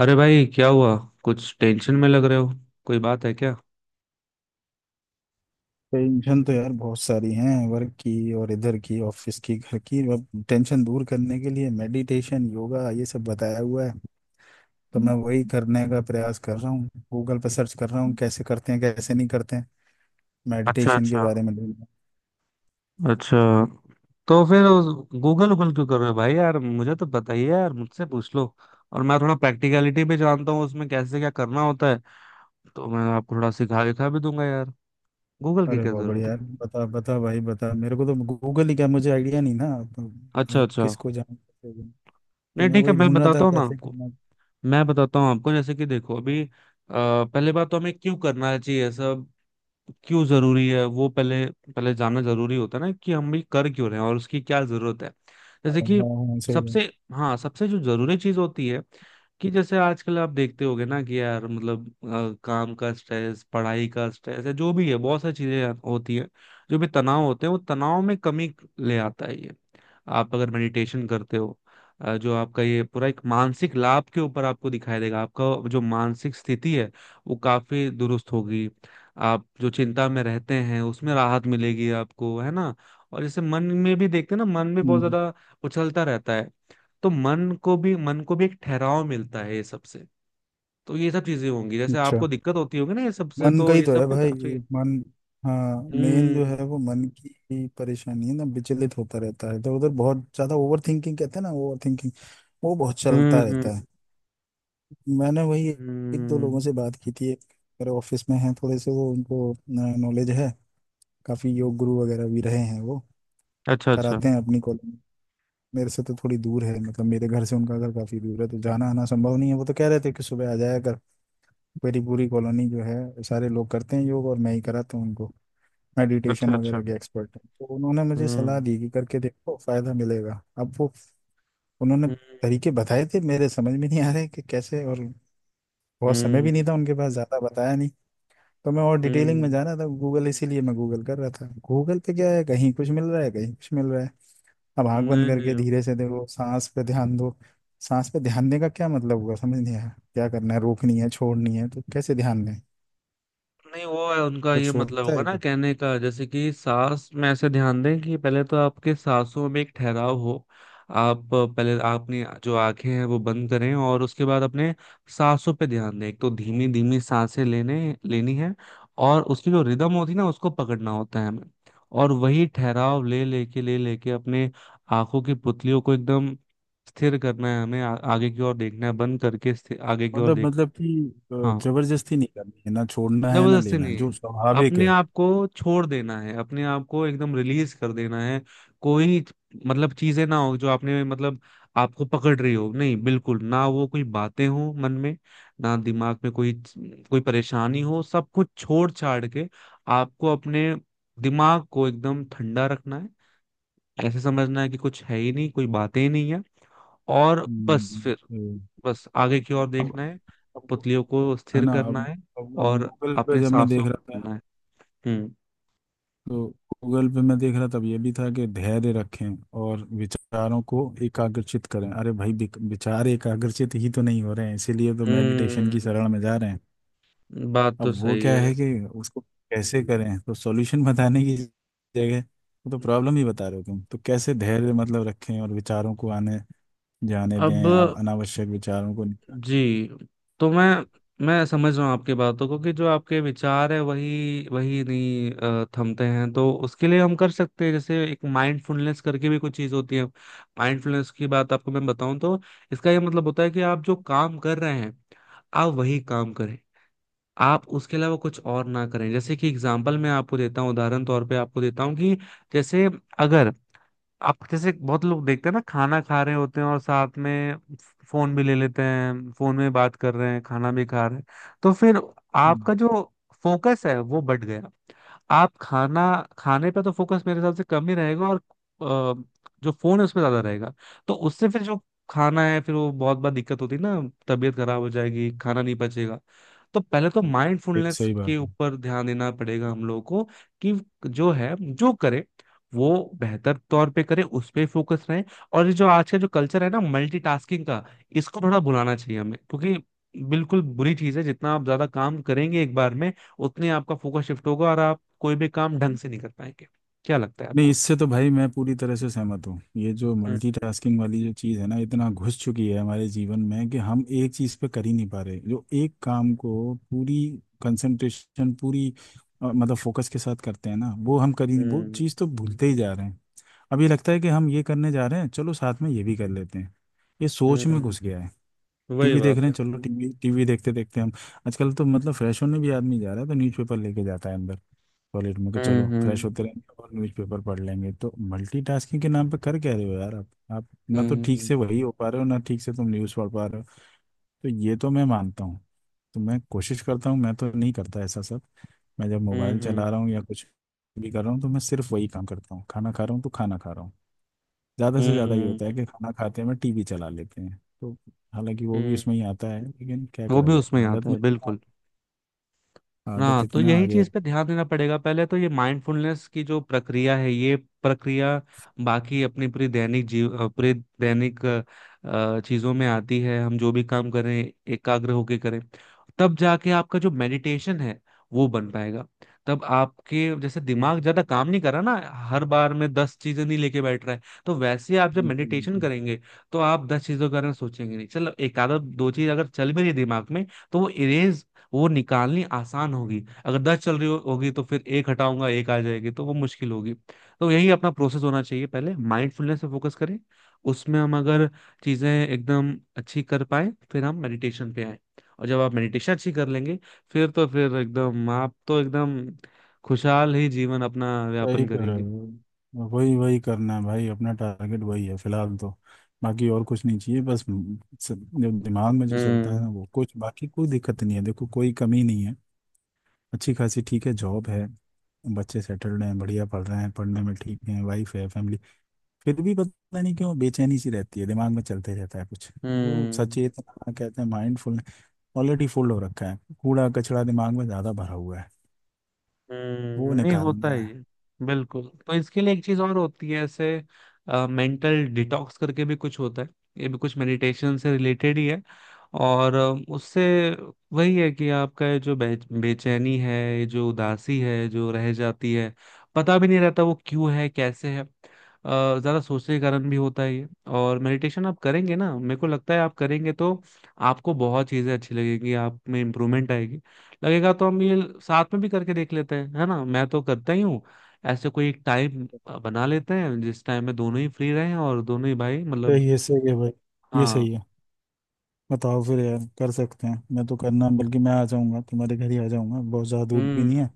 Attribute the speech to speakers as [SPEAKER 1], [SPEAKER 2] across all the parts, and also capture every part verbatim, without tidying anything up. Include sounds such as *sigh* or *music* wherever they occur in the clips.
[SPEAKER 1] अरे भाई, क्या हुआ? कुछ टेंशन में लग रहे हो। कोई बात है क्या?
[SPEAKER 2] टेंशन तो यार बहुत सारी हैं। वर्क की और इधर की, ऑफिस की, घर की। अब टेंशन दूर करने के लिए मेडिटेशन, योगा ये सब बताया हुआ है, तो मैं वही करने का प्रयास कर रहा हूँ। गूगल पर सर्च कर रहा हूँ, कैसे करते हैं, कैसे नहीं करते हैं।
[SPEAKER 1] अच्छा,
[SPEAKER 2] मेडिटेशन के
[SPEAKER 1] अच्छा।
[SPEAKER 2] बारे में ढूंढ रहा।
[SPEAKER 1] अच्छा, तो फिर गूगल गूगल क्यों कर रहे हो भाई? यार मुझे तो बताइए, यार मुझसे पूछ लो। और मैं थोड़ा प्रैक्टिकलिटी भी जानता हूँ, उसमें कैसे क्या करना होता है। तो मैं आपको थोड़ा सिखा दिखा भी दूंगा यार। गूगल
[SPEAKER 2] हूं।
[SPEAKER 1] की
[SPEAKER 2] अरे
[SPEAKER 1] क्या
[SPEAKER 2] बहुत
[SPEAKER 1] जरूरत
[SPEAKER 2] बढ़िया
[SPEAKER 1] है?
[SPEAKER 2] यार, बता बता भाई बता, मेरे को तो गूगल ही क्या, मुझे आइडिया नहीं ना। तो
[SPEAKER 1] अच्छा,
[SPEAKER 2] मैं
[SPEAKER 1] अच्छा।
[SPEAKER 2] किसको जाऊँ? तो
[SPEAKER 1] नहीं,
[SPEAKER 2] मैं
[SPEAKER 1] ठीक है
[SPEAKER 2] वही
[SPEAKER 1] मैं
[SPEAKER 2] ढूंढ रहा
[SPEAKER 1] बताता
[SPEAKER 2] था
[SPEAKER 1] हूँ ना
[SPEAKER 2] कैसे
[SPEAKER 1] आपको।
[SPEAKER 2] करना।
[SPEAKER 1] मैं बताता हूँ आपको। जैसे कि देखो अभी अ, पहले बात तो हमें क्यों करना चाहिए सब, क्यों जरूरी है वो पहले। पहले जानना जरूरी होता है ना कि हम भी कर क्यों रहे हैं और उसकी क्या जरूरत है। जैसे
[SPEAKER 2] हाँ
[SPEAKER 1] कि
[SPEAKER 2] हाँ हाँ, सही बात।
[SPEAKER 1] सबसे, हाँ सबसे जो जरूरी चीज होती है कि जैसे आजकल आप देखते होगे ना कि यार मतलब अ, काम का स्ट्रेस, पढ़ाई का स्ट्रेस है, जो भी है बहुत सारी चीजें यार होती है। जो भी तनाव होते हैं वो तनाव में कमी ले आता है ये। आप अगर मेडिटेशन करते हो अ, जो आपका ये पूरा एक मानसिक लाभ के ऊपर आपको दिखाई देगा। आपका जो मानसिक स्थिति है वो काफी दुरुस्त होगी। आप जो चिंता में रहते हैं उसमें राहत मिलेगी आपको, है ना। और जैसे मन में भी देखते हैं ना, मन में बहुत
[SPEAKER 2] हम्म,
[SPEAKER 1] ज्यादा उछलता रहता है। तो मन को भी मन को भी एक ठहराव मिलता है ये सबसे। तो ये सब चीजें होंगी, जैसे
[SPEAKER 2] अच्छा।
[SPEAKER 1] आपको दिक्कत होती होगी ना ये सबसे,
[SPEAKER 2] मन का
[SPEAKER 1] तो
[SPEAKER 2] ही
[SPEAKER 1] ये
[SPEAKER 2] तो
[SPEAKER 1] सब
[SPEAKER 2] है
[SPEAKER 1] में
[SPEAKER 2] भाई।
[SPEAKER 1] काफी।
[SPEAKER 2] मन। हाँ, मेन जो है
[SPEAKER 1] हम्म।
[SPEAKER 2] वो मन की ही परेशानी है ना। विचलित होता रहता है इधर उधर, बहुत ज्यादा ओवर थिंकिंग कहते हैं ना, ओवर थिंकिंग। वो बहुत
[SPEAKER 1] हम्म।
[SPEAKER 2] चलता रहता है।
[SPEAKER 1] हम्म।
[SPEAKER 2] मैंने वही एक दो
[SPEAKER 1] हम्म।
[SPEAKER 2] लोगों से बात की थी। एक मेरे ऑफिस में हैं थोड़े से, वो उनको नॉलेज है। काफी योग गुरु वगैरह भी रहे हैं वो।
[SPEAKER 1] अच्छा, अच्छा।
[SPEAKER 2] कराते हैं अपनी कॉलेज में। मेरे से तो थोड़ी दूर है, मतलब मेरे घर से उनका घर काफी दूर है, तो जाना आना संभव नहीं है। वो तो कह रहे थे कि सुबह आ जाया कर। मेरी पूरी कॉलोनी जो है सारे लोग करते हैं योग, और मैं ही कराता हूँ उनको।
[SPEAKER 1] अच्छा,
[SPEAKER 2] मेडिटेशन
[SPEAKER 1] अच्छा।
[SPEAKER 2] वगैरह के एक्सपर्ट हैं, तो उन्होंने मुझे सलाह
[SPEAKER 1] हम्म।
[SPEAKER 2] दी कि करके देखो, फायदा मिलेगा। अब वो उन्होंने तरीके
[SPEAKER 1] हम्म।
[SPEAKER 2] बताए थे, मेरे समझ में नहीं आ रहे कि कैसे, और बहुत समय भी नहीं
[SPEAKER 1] हम्म।
[SPEAKER 2] था उनके पास, ज़्यादा बताया नहीं। तो मैं और डिटेलिंग में
[SPEAKER 1] हम्म।
[SPEAKER 2] जा रहा था गूगल, इसीलिए मैं गूगल कर रहा था। गूगल पे क्या है, कहीं कुछ मिल रहा है, कहीं कुछ मिल रहा है। अब आंख बंद
[SPEAKER 1] नहीं,
[SPEAKER 2] करके
[SPEAKER 1] नहीं।
[SPEAKER 2] धीरे से देखो, सांस पे ध्यान दो। सांस पे ध्यान देने का क्या मतलब हुआ, समझ नहीं आया। क्या करना है, रोकनी है, छोड़नी है, तो कैसे ध्यान दें?
[SPEAKER 1] नहीं, वो है उनका ये
[SPEAKER 2] कुछ
[SPEAKER 1] मतलब
[SPEAKER 2] होता
[SPEAKER 1] होगा ना
[SPEAKER 2] है?
[SPEAKER 1] कहने का, जैसे कि सांस में ऐसे ध्यान दें कि पहले तो आपके सांसों में एक ठहराव हो। आप पहले अपनी जो आंखें हैं वो बंद करें और उसके बाद अपने सांसों पे ध्यान दें। एक तो धीमी धीमी सांसें लेने लेनी है। और उसकी जो रिदम होती है ना उसको पकड़ना होता है हमें। और वही ठहराव ले लेके ले लेके अपने आंखों की पुतलियों को एकदम स्थिर करना है हमें। आ, आगे की ओर देखना है, बंद करके स्थिर- आगे की ओर
[SPEAKER 2] मतलब
[SPEAKER 1] देखना है।
[SPEAKER 2] मतलब कि अ,
[SPEAKER 1] हाँ,
[SPEAKER 2] जबरदस्ती नहीं करनी है, ना छोड़ना है, ना
[SPEAKER 1] जबरदस्ती
[SPEAKER 2] लेना है,
[SPEAKER 1] नहीं,
[SPEAKER 2] जो स्वाभाविक
[SPEAKER 1] अपने
[SPEAKER 2] है।
[SPEAKER 1] आप को छोड़ देना है, अपने आप को एकदम रिलीज कर देना है। कोई, मतलब चीजें ना हो जो आपने मतलब आपको पकड़ रही हो। नहीं, बिल्कुल ना वो कोई बातें हो मन में, ना दिमाग में कोई कोई परेशानी हो। सब कुछ छोड़ छाड़ के आपको अपने दिमाग को एकदम ठंडा रखना है। ऐसे समझना है कि कुछ है ही नहीं, कोई बातें ही नहीं है। और बस
[SPEAKER 2] हम्म,
[SPEAKER 1] फिर,
[SPEAKER 2] हम्म।
[SPEAKER 1] बस आगे की ओर
[SPEAKER 2] अब
[SPEAKER 1] देखना है,
[SPEAKER 2] अब
[SPEAKER 1] पुतलियों को
[SPEAKER 2] है
[SPEAKER 1] स्थिर
[SPEAKER 2] ना?
[SPEAKER 1] करना
[SPEAKER 2] अब
[SPEAKER 1] है
[SPEAKER 2] अब, अब
[SPEAKER 1] और
[SPEAKER 2] गूगल पे
[SPEAKER 1] अपने
[SPEAKER 2] जब मैं
[SPEAKER 1] सांसों
[SPEAKER 2] देख
[SPEAKER 1] को
[SPEAKER 2] रहा था,
[SPEAKER 1] सुनना है। हम्म।
[SPEAKER 2] तो गूगल पे मैं देख रहा था, तब ये भी था कि धैर्य रखें और विचारों को एकाग्रचित करें। अरे भाई, विक- विचार एकाग्रचित ही तो नहीं हो रहे हैं, इसीलिए तो मेडिटेशन की
[SPEAKER 1] हम्म,
[SPEAKER 2] शरण में जा रहे हैं।
[SPEAKER 1] बात तो
[SPEAKER 2] अब वो
[SPEAKER 1] सही
[SPEAKER 2] क्या
[SPEAKER 1] है।
[SPEAKER 2] है कि उसको कैसे करें, तो सॉल्यूशन *laughs* बताने की जगह वो तो प्रॉब्लम ही बता रहे हो तुम तो। कैसे धैर्य मतलब रखें, और विचारों को आने जाने
[SPEAKER 1] अब,
[SPEAKER 2] दें अब, अनावश्यक विचारों को।
[SPEAKER 1] जी। तो मैं मैं समझ रहा हूँ आपकी बातों को कि जो आपके विचार है वही वही नहीं अ, थमते हैं, तो उसके लिए हम कर सकते हैं, जैसे एक माइंडफुलनेस करके भी कुछ चीज होती है। माइंडफुलनेस की बात आपको मैं बताऊं तो इसका ये मतलब होता है कि आप जो काम कर रहे हैं, आप वही काम करें। आप उसके अलावा कुछ और ना करें। जैसे कि एग्जाम्पल मैं आपको देता हूँ, उदाहरण तौर पे आपको देता हूँ कि जैसे अगर आप, जैसे बहुत लोग देखते हैं ना, खाना खा रहे होते हैं और साथ में फोन भी ले लेते हैं, फोन में बात कर रहे हैं, खाना भी खा रहे हैं। तो फिर
[SPEAKER 2] हम्म,
[SPEAKER 1] आपका जो फोकस है वो बढ़ गया। आप खाना खाने पे तो फोकस मेरे हिसाब से कम ही रहेगा और अ, जो फोन है उस पर ज्यादा रहेगा। तो उससे फिर जो खाना है फिर वो, बहुत बार दिक्कत होती है ना, तबीयत खराब हो जाएगी, खाना नहीं पचेगा। तो पहले तो
[SPEAKER 2] एक
[SPEAKER 1] माइंडफुलनेस
[SPEAKER 2] सही
[SPEAKER 1] के
[SPEAKER 2] बात है।
[SPEAKER 1] ऊपर ध्यान देना पड़ेगा हम लोगों को कि जो है जो करे वो बेहतर तौर पे करे, उस पे फोकस रहे। और ये जो आज का जो कल्चर है ना मल्टीटास्किंग का, इसको थोड़ा भुलाना चाहिए हमें, क्योंकि बिल्कुल बुरी चीज है। जितना आप ज्यादा काम करेंगे एक बार में, उतने आपका फोकस शिफ्ट होगा और आप कोई भी काम ढंग से नहीं कर पाएंगे। क्या लगता है
[SPEAKER 2] नहीं,
[SPEAKER 1] आपको?
[SPEAKER 2] इससे तो भाई मैं पूरी तरह से सहमत हूँ। ये जो
[SPEAKER 1] हम्म।
[SPEAKER 2] मल्टीटास्किंग वाली जो चीज़ है ना, इतना घुस चुकी है हमारे जीवन में कि हम एक चीज़ पे कर ही नहीं पा रहे। जो एक काम को पूरी कंसंट्रेशन, पूरी अ, मतलब फोकस के साथ करते हैं ना, वो हम कर ही नहीं, वो
[SPEAKER 1] हम्म।
[SPEAKER 2] चीज़ तो भूलते ही जा रहे हैं। अब ये लगता है कि हम ये करने जा रहे हैं, चलो साथ में ये भी कर लेते हैं, ये सोच में
[SPEAKER 1] हम्म,
[SPEAKER 2] घुस गया है।
[SPEAKER 1] वही
[SPEAKER 2] टीवी देख
[SPEAKER 1] बात
[SPEAKER 2] रहे हैं,
[SPEAKER 1] है।
[SPEAKER 2] चलो टीवी, टीवी देखते देखते हम आजकल तो मतलब फ्रेश होने भी आदमी जा रहा है, तो न्यूज़पेपर लेके जाता है अंदर टॉयलेट में कि
[SPEAKER 1] हम्म।
[SPEAKER 2] चलो फ्रेश
[SPEAKER 1] हम्म।
[SPEAKER 2] होते रहेंगे और न्यूज़पेपर पढ़ लेंगे। तो मल्टीटास्किंग के नाम पे कर क्या रहे हो यार, आप आप ना तो ठीक
[SPEAKER 1] हम्म।
[SPEAKER 2] से वही हो पा रहे हो, ना ठीक से तुम न्यूज़ पढ़ पा रहे हो। तो ये तो मैं मानता हूँ। तो मैं कोशिश करता हूँ, मैं तो नहीं करता ऐसा सब। मैं जब मोबाइल
[SPEAKER 1] हम्म।
[SPEAKER 2] चला रहा हूँ या कुछ भी कर रहा हूँ, तो मैं सिर्फ वही काम करता हूँ। खाना खा रहा हूँ तो खाना खा रहा हूँ। ज़्यादा से
[SPEAKER 1] हम्म।
[SPEAKER 2] ज़्यादा ये
[SPEAKER 1] हम्म,
[SPEAKER 2] होता है कि खाना खाते में टीवी चला लेते हैं, तो हालांकि वो भी
[SPEAKER 1] हम्म,
[SPEAKER 2] उसमें ही आता है, लेकिन क्या
[SPEAKER 1] वो
[SPEAKER 2] करा
[SPEAKER 1] भी
[SPEAKER 2] जाए,
[SPEAKER 1] उसमें आता
[SPEAKER 2] आदत में
[SPEAKER 1] है बिल्कुल। ना
[SPEAKER 2] आदत
[SPEAKER 1] तो
[SPEAKER 2] इतना आ
[SPEAKER 1] यही
[SPEAKER 2] गया
[SPEAKER 1] चीज
[SPEAKER 2] है।
[SPEAKER 1] पे ध्यान देना पड़ेगा पहले, तो ये माइंडफुलनेस की जो प्रक्रिया है, ये प्रक्रिया बाकी अपनी पूरी दैनिक जीव अ, पूरे दैनिक अ, अ, चीजों में आती है। हम जो भी काम करें एकाग्र होके करें, तब जाके आपका जो मेडिटेशन है वो बन पाएगा। तब आपके जैसे दिमाग ज्यादा काम नहीं कर रहा ना, हर बार में दस चीजें नहीं लेके बैठ रहा है। तो वैसे ही आप जब
[SPEAKER 2] बिल्कुल
[SPEAKER 1] मेडिटेशन
[SPEAKER 2] बिल्कुल
[SPEAKER 1] करेंगे तो आप दस चीजों के बारे में सोचेंगे नहीं। चलो, एक आधा दो चीज अगर चल भी रही है दिमाग में, तो वो इरेज, वो निकालनी आसान होगी। अगर दस चल रही हो, होगी, तो फिर एक हटाऊंगा एक आ जाएगी, तो वो मुश्किल होगी। तो यही अपना प्रोसेस होना चाहिए, पहले माइंडफुलनेस पे फोकस करें। उसमें हम अगर चीजें एकदम अच्छी कर पाए, फिर हम मेडिटेशन पे आए। और जब आप मेडिटेशन अच्छी कर लेंगे, फिर तो फिर एकदम आप तो एकदम खुशहाल ही जीवन अपना व्यापन
[SPEAKER 2] सही कह रहे
[SPEAKER 1] करेंगे।
[SPEAKER 2] हो। वही वही करना है भाई, अपना टारगेट वही है फिलहाल तो। बाकी और कुछ नहीं चाहिए, बस म, स- जो दिमाग में जो चलता है
[SPEAKER 1] हम्म।
[SPEAKER 2] ना वो। कुछ बाकी कोई दिक्कत नहीं है, देखो कोई कमी नहीं है। अच्छी खासी ठीक है, जॉब है, बच्चे सेटल्ड हैं, बढ़िया पढ़ रहे हैं, पढ़ने में ठीक हैं, वाइफ है, फैमिली। फिर भी पता नहीं क्यों बेचैनी सी रहती है, दिमाग में चलते रहता है कुछ। वो
[SPEAKER 1] हम्म।
[SPEAKER 2] सचेतना कहते हैं, माइंडफुल। ऑलरेडी फुल हो रखा है, कूड़ा कचरा दिमाग में ज्यादा भरा हुआ है। वो
[SPEAKER 1] हम्म, नहीं होता
[SPEAKER 2] निकालना
[SPEAKER 1] है
[SPEAKER 2] है।
[SPEAKER 1] ये। बिल्कुल, तो इसके लिए एक चीज और होती है ऐसे, मेंटल डिटॉक्स करके भी कुछ होता है। ये भी कुछ मेडिटेशन से रिलेटेड ही है। और अ, उससे वही है कि आपका ये जो बे, बेचैनी है, ये जो उदासी है जो रह जाती है, पता भी नहीं रहता वो क्यों है कैसे है, अ, ज्यादा सोचने के कारण भी होता है ये। और मेडिटेशन आप करेंगे ना, मेरे को लगता है आप करेंगे तो आपको बहुत चीजें अच्छी लगेगी, आप में इम्प्रूवमेंट आएगी। लगेगा तो हम ये साथ में भी करके देख लेते हैं, है ना, मैं तो करता ही हूँ। ऐसे कोई एक टाइम बना लेते हैं, जिस टाइम में दोनों ही फ्री रहे और दोनों ही भाई
[SPEAKER 2] तो
[SPEAKER 1] मतलब।
[SPEAKER 2] ये सही है भाई, ये
[SPEAKER 1] हाँ।
[SPEAKER 2] सही है। बताओ फिर यार, कर सकते हैं। मैं तो करना, बल्कि मैं आ जाऊंगा तुम्हारे घर ही आ जाऊंगा, बहुत ज्यादा दूर भी नहीं
[SPEAKER 1] हम्म।
[SPEAKER 2] है।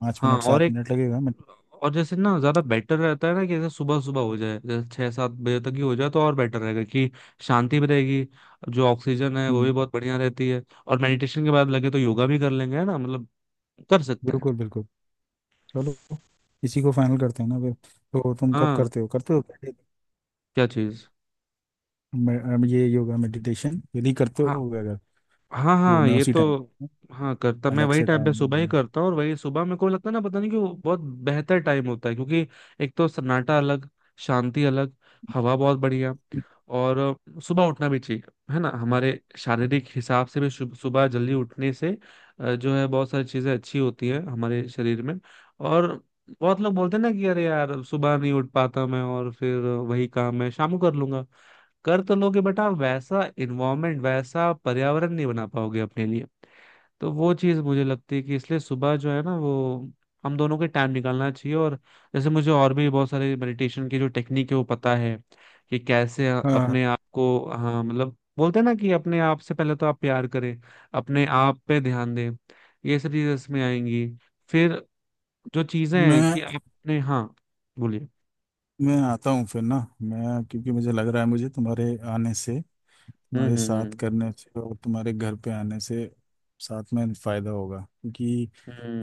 [SPEAKER 2] पाँच
[SPEAKER 1] हाँ
[SPEAKER 2] मिनट
[SPEAKER 1] और
[SPEAKER 2] सात
[SPEAKER 1] एक,
[SPEAKER 2] मिनट लगेगा मैं।
[SPEAKER 1] और जैसे ना ज्यादा बेटर रहता है ना, कि जैसे सुबह सुबह हो जाए, जैसे छह सात बजे तक ही हो जाए तो और बेटर रहेगा, कि शांति भी रहेगी। जो ऑक्सीजन है वो
[SPEAKER 2] हम्म,
[SPEAKER 1] भी बहुत बढ़िया रहती है। और मेडिटेशन के बाद लगे तो योगा भी कर लेंगे, है ना मतलब, कर सकते हैं।
[SPEAKER 2] बिल्कुल बिल्कुल। चलो इसी को फाइनल करते हैं ना फिर। तो तुम कब
[SPEAKER 1] हाँ,
[SPEAKER 2] करते हो करते हो?
[SPEAKER 1] क्या चीज?
[SPEAKER 2] मैं- अम, ये योगा मेडिटेशन यदि करते
[SPEAKER 1] हाँ,
[SPEAKER 2] हो अगर,
[SPEAKER 1] हाँ,
[SPEAKER 2] तो
[SPEAKER 1] हाँ
[SPEAKER 2] मैं
[SPEAKER 1] ये
[SPEAKER 2] उसी टाइम,
[SPEAKER 1] तो। हाँ, करता, मैं
[SPEAKER 2] अलग
[SPEAKER 1] वही
[SPEAKER 2] से
[SPEAKER 1] टाइम
[SPEAKER 2] टाइम।
[SPEAKER 1] पे सुबह ही करता हूँ। और वही सुबह मेरे को लगता है ना, पता नहीं क्यों बहुत बेहतर टाइम होता है। क्योंकि एक तो सन्नाटा अलग, शांति अलग, हवा बहुत बढ़िया। और सुबह उठना भी ठीक है ना, हमारे शारीरिक हिसाब से भी सु- सुबह जल्दी उठने से अ, जो है बहुत सारी चीजें अच्छी होती है हमारे शरीर में। और बहुत लोग बोलते हैं ना कि अरे यार सुबह नहीं उठ पाता मैं और फिर वही काम मैं शाम को कर लूंगा। कर तो लोगे, बट आप वैसा इन्वायरमेंट, वैसा पर्यावरण नहीं बना पाओगे अपने लिए। तो वो चीज मुझे लगती है कि इसलिए सुबह जो है ना, वो हम दोनों के टाइम निकालना चाहिए। और जैसे मुझे और भी बहुत सारे मेडिटेशन की जो टेक्निक है वो पता है, कि कैसे
[SPEAKER 2] हाँ,
[SPEAKER 1] अपने आप को। हाँ, मतलब बोलते हैं ना कि अपने आप से पहले तो आप प्यार करें, अपने आप पे ध्यान दें, ये सब चीजें इसमें आएंगी। फिर जो चीजें हैं
[SPEAKER 2] मैं
[SPEAKER 1] कि आपने। हाँ, बोलिए।
[SPEAKER 2] मैं आता हूँ फिर ना। मैं क्योंकि मुझे लग रहा है, मुझे तुम्हारे आने से,
[SPEAKER 1] हम्म।
[SPEAKER 2] तुम्हारे साथ
[SPEAKER 1] हम्म।
[SPEAKER 2] करने से और तुम्हारे घर पे आने से साथ में फायदा होगा। क्योंकि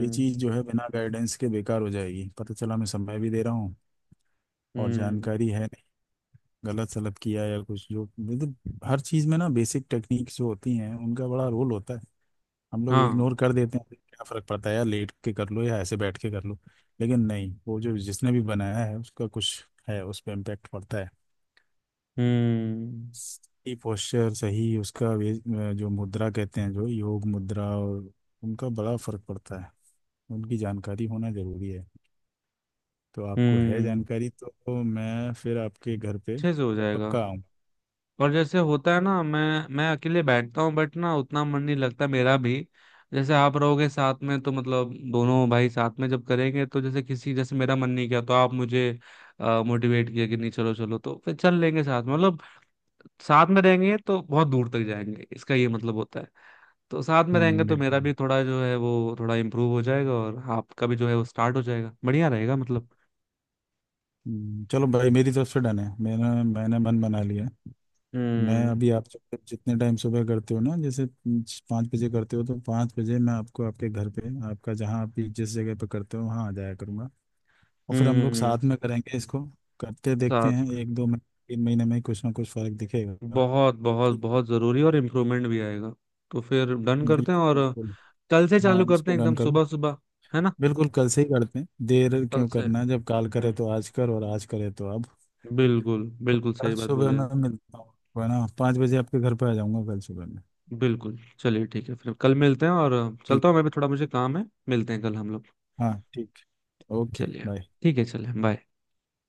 [SPEAKER 2] ये चीज़ जो है बिना गाइडेंस के बेकार हो जाएगी, पता चला मैं समय भी दे रहा हूँ और
[SPEAKER 1] हम्म। हम्म,
[SPEAKER 2] जानकारी है नहीं, गलत सलत किया या कुछ। जो मतलब हर चीज़ में ना बेसिक टेक्निक्स जो होती हैं उनका बड़ा रोल होता है। हम लोग
[SPEAKER 1] हाँ।
[SPEAKER 2] इग्नोर कर देते हैं, क्या फर्क पड़ता है यार लेट के कर लो या ऐसे बैठ के कर लो, लेकिन नहीं, वो जो जिसने भी बनाया है उसका कुछ है, उस पर इम्पेक्ट पड़ता है।
[SPEAKER 1] हम्म।
[SPEAKER 2] सही पोस्चर, सही उसका वे जो मुद्रा कहते हैं, जो योग मुद्रा, और उनका बड़ा फर्क पड़ता है, उनकी जानकारी होना जरूरी है। तो आपको है
[SPEAKER 1] हम्म,
[SPEAKER 2] जानकारी, तो मैं फिर आपके घर पे
[SPEAKER 1] अच्छे से हो जाएगा।
[SPEAKER 2] पक्का आऊँ।
[SPEAKER 1] और जैसे होता है ना, मैं मैं अकेले बैठता हूँ बट ना उतना मन नहीं लगता मेरा भी। जैसे आप रहोगे साथ में, तो मतलब दोनों भाई साथ में जब करेंगे तो जैसे किसी, जैसे मेरा मन नहीं किया तो आप मुझे मोटिवेट किया कि नहीं चलो चलो, तो फिर चल लेंगे साथ में मतलब। साथ में रहेंगे तो बहुत दूर तक जाएंगे, इसका ये मतलब होता है। तो साथ में रहेंगे
[SPEAKER 2] हम्म,
[SPEAKER 1] तो मेरा
[SPEAKER 2] बिल्कुल।
[SPEAKER 1] भी थोड़ा जो है वो थोड़ा इम्प्रूव हो जाएगा और आपका भी जो है वो स्टार्ट हो जाएगा, बढ़िया रहेगा मतलब।
[SPEAKER 2] हम्म, चलो भाई मेरी तरफ से डन है, मैंने मैंने मन बना लिया। मैं
[SPEAKER 1] हम्म।
[SPEAKER 2] अभी आप जो- जितने टाइम सुबह करते हो ना, जैसे पाँच बजे करते हो, तो पाँच बजे मैं आपको आपके घर पे, आपका जहाँ आप भी जिस जगह पे करते हो वहाँ आ जाया करूँगा। और फिर हम लोग
[SPEAKER 1] हम्म।
[SPEAKER 2] साथ में करेंगे इसको। करते देखते
[SPEAKER 1] साथ
[SPEAKER 2] हैं
[SPEAKER 1] में
[SPEAKER 2] एक दो महीने, तीन महीने में कुछ ना कुछ फर्क दिखेगा।
[SPEAKER 1] बहुत बहुत
[SPEAKER 2] ठीक।
[SPEAKER 1] बहुत जरूरी, और इम्प्रूवमेंट भी आएगा। तो फिर डन करते हैं।
[SPEAKER 2] बिल्कुल
[SPEAKER 1] और
[SPEAKER 2] बिल्कुल।
[SPEAKER 1] कल से चालू
[SPEAKER 2] हाँ,
[SPEAKER 1] करते
[SPEAKER 2] इसको
[SPEAKER 1] हैं
[SPEAKER 2] डन
[SPEAKER 1] एकदम
[SPEAKER 2] करो।
[SPEAKER 1] सुबह सुबह, है ना,
[SPEAKER 2] बिल्कुल कल से ही करते हैं, देर
[SPEAKER 1] कल
[SPEAKER 2] क्यों
[SPEAKER 1] से।
[SPEAKER 2] करना है? जब काल करे तो
[SPEAKER 1] हम्म।
[SPEAKER 2] आज कर, और आज करे तो अब।
[SPEAKER 1] बिल्कुल।
[SPEAKER 2] तो
[SPEAKER 1] बिल्कुल
[SPEAKER 2] कल
[SPEAKER 1] सही बात
[SPEAKER 2] सुबह
[SPEAKER 1] बोले
[SPEAKER 2] मैं
[SPEAKER 1] आप।
[SPEAKER 2] मिलता हूँ, है ना? पाँच बजे आपके घर पे आ जाऊँगा कल सुबह में।
[SPEAKER 1] बिल्कुल, चलिए ठीक है फिर कल मिलते हैं। और
[SPEAKER 2] ठीक।
[SPEAKER 1] चलता हूँ मैं भी, थोड़ा मुझे काम है, मिलते हैं कल हम लोग।
[SPEAKER 2] हाँ ठीक। ओके
[SPEAKER 1] चलिए।
[SPEAKER 2] बाय।
[SPEAKER 1] ठीक है, चलिए, बाय।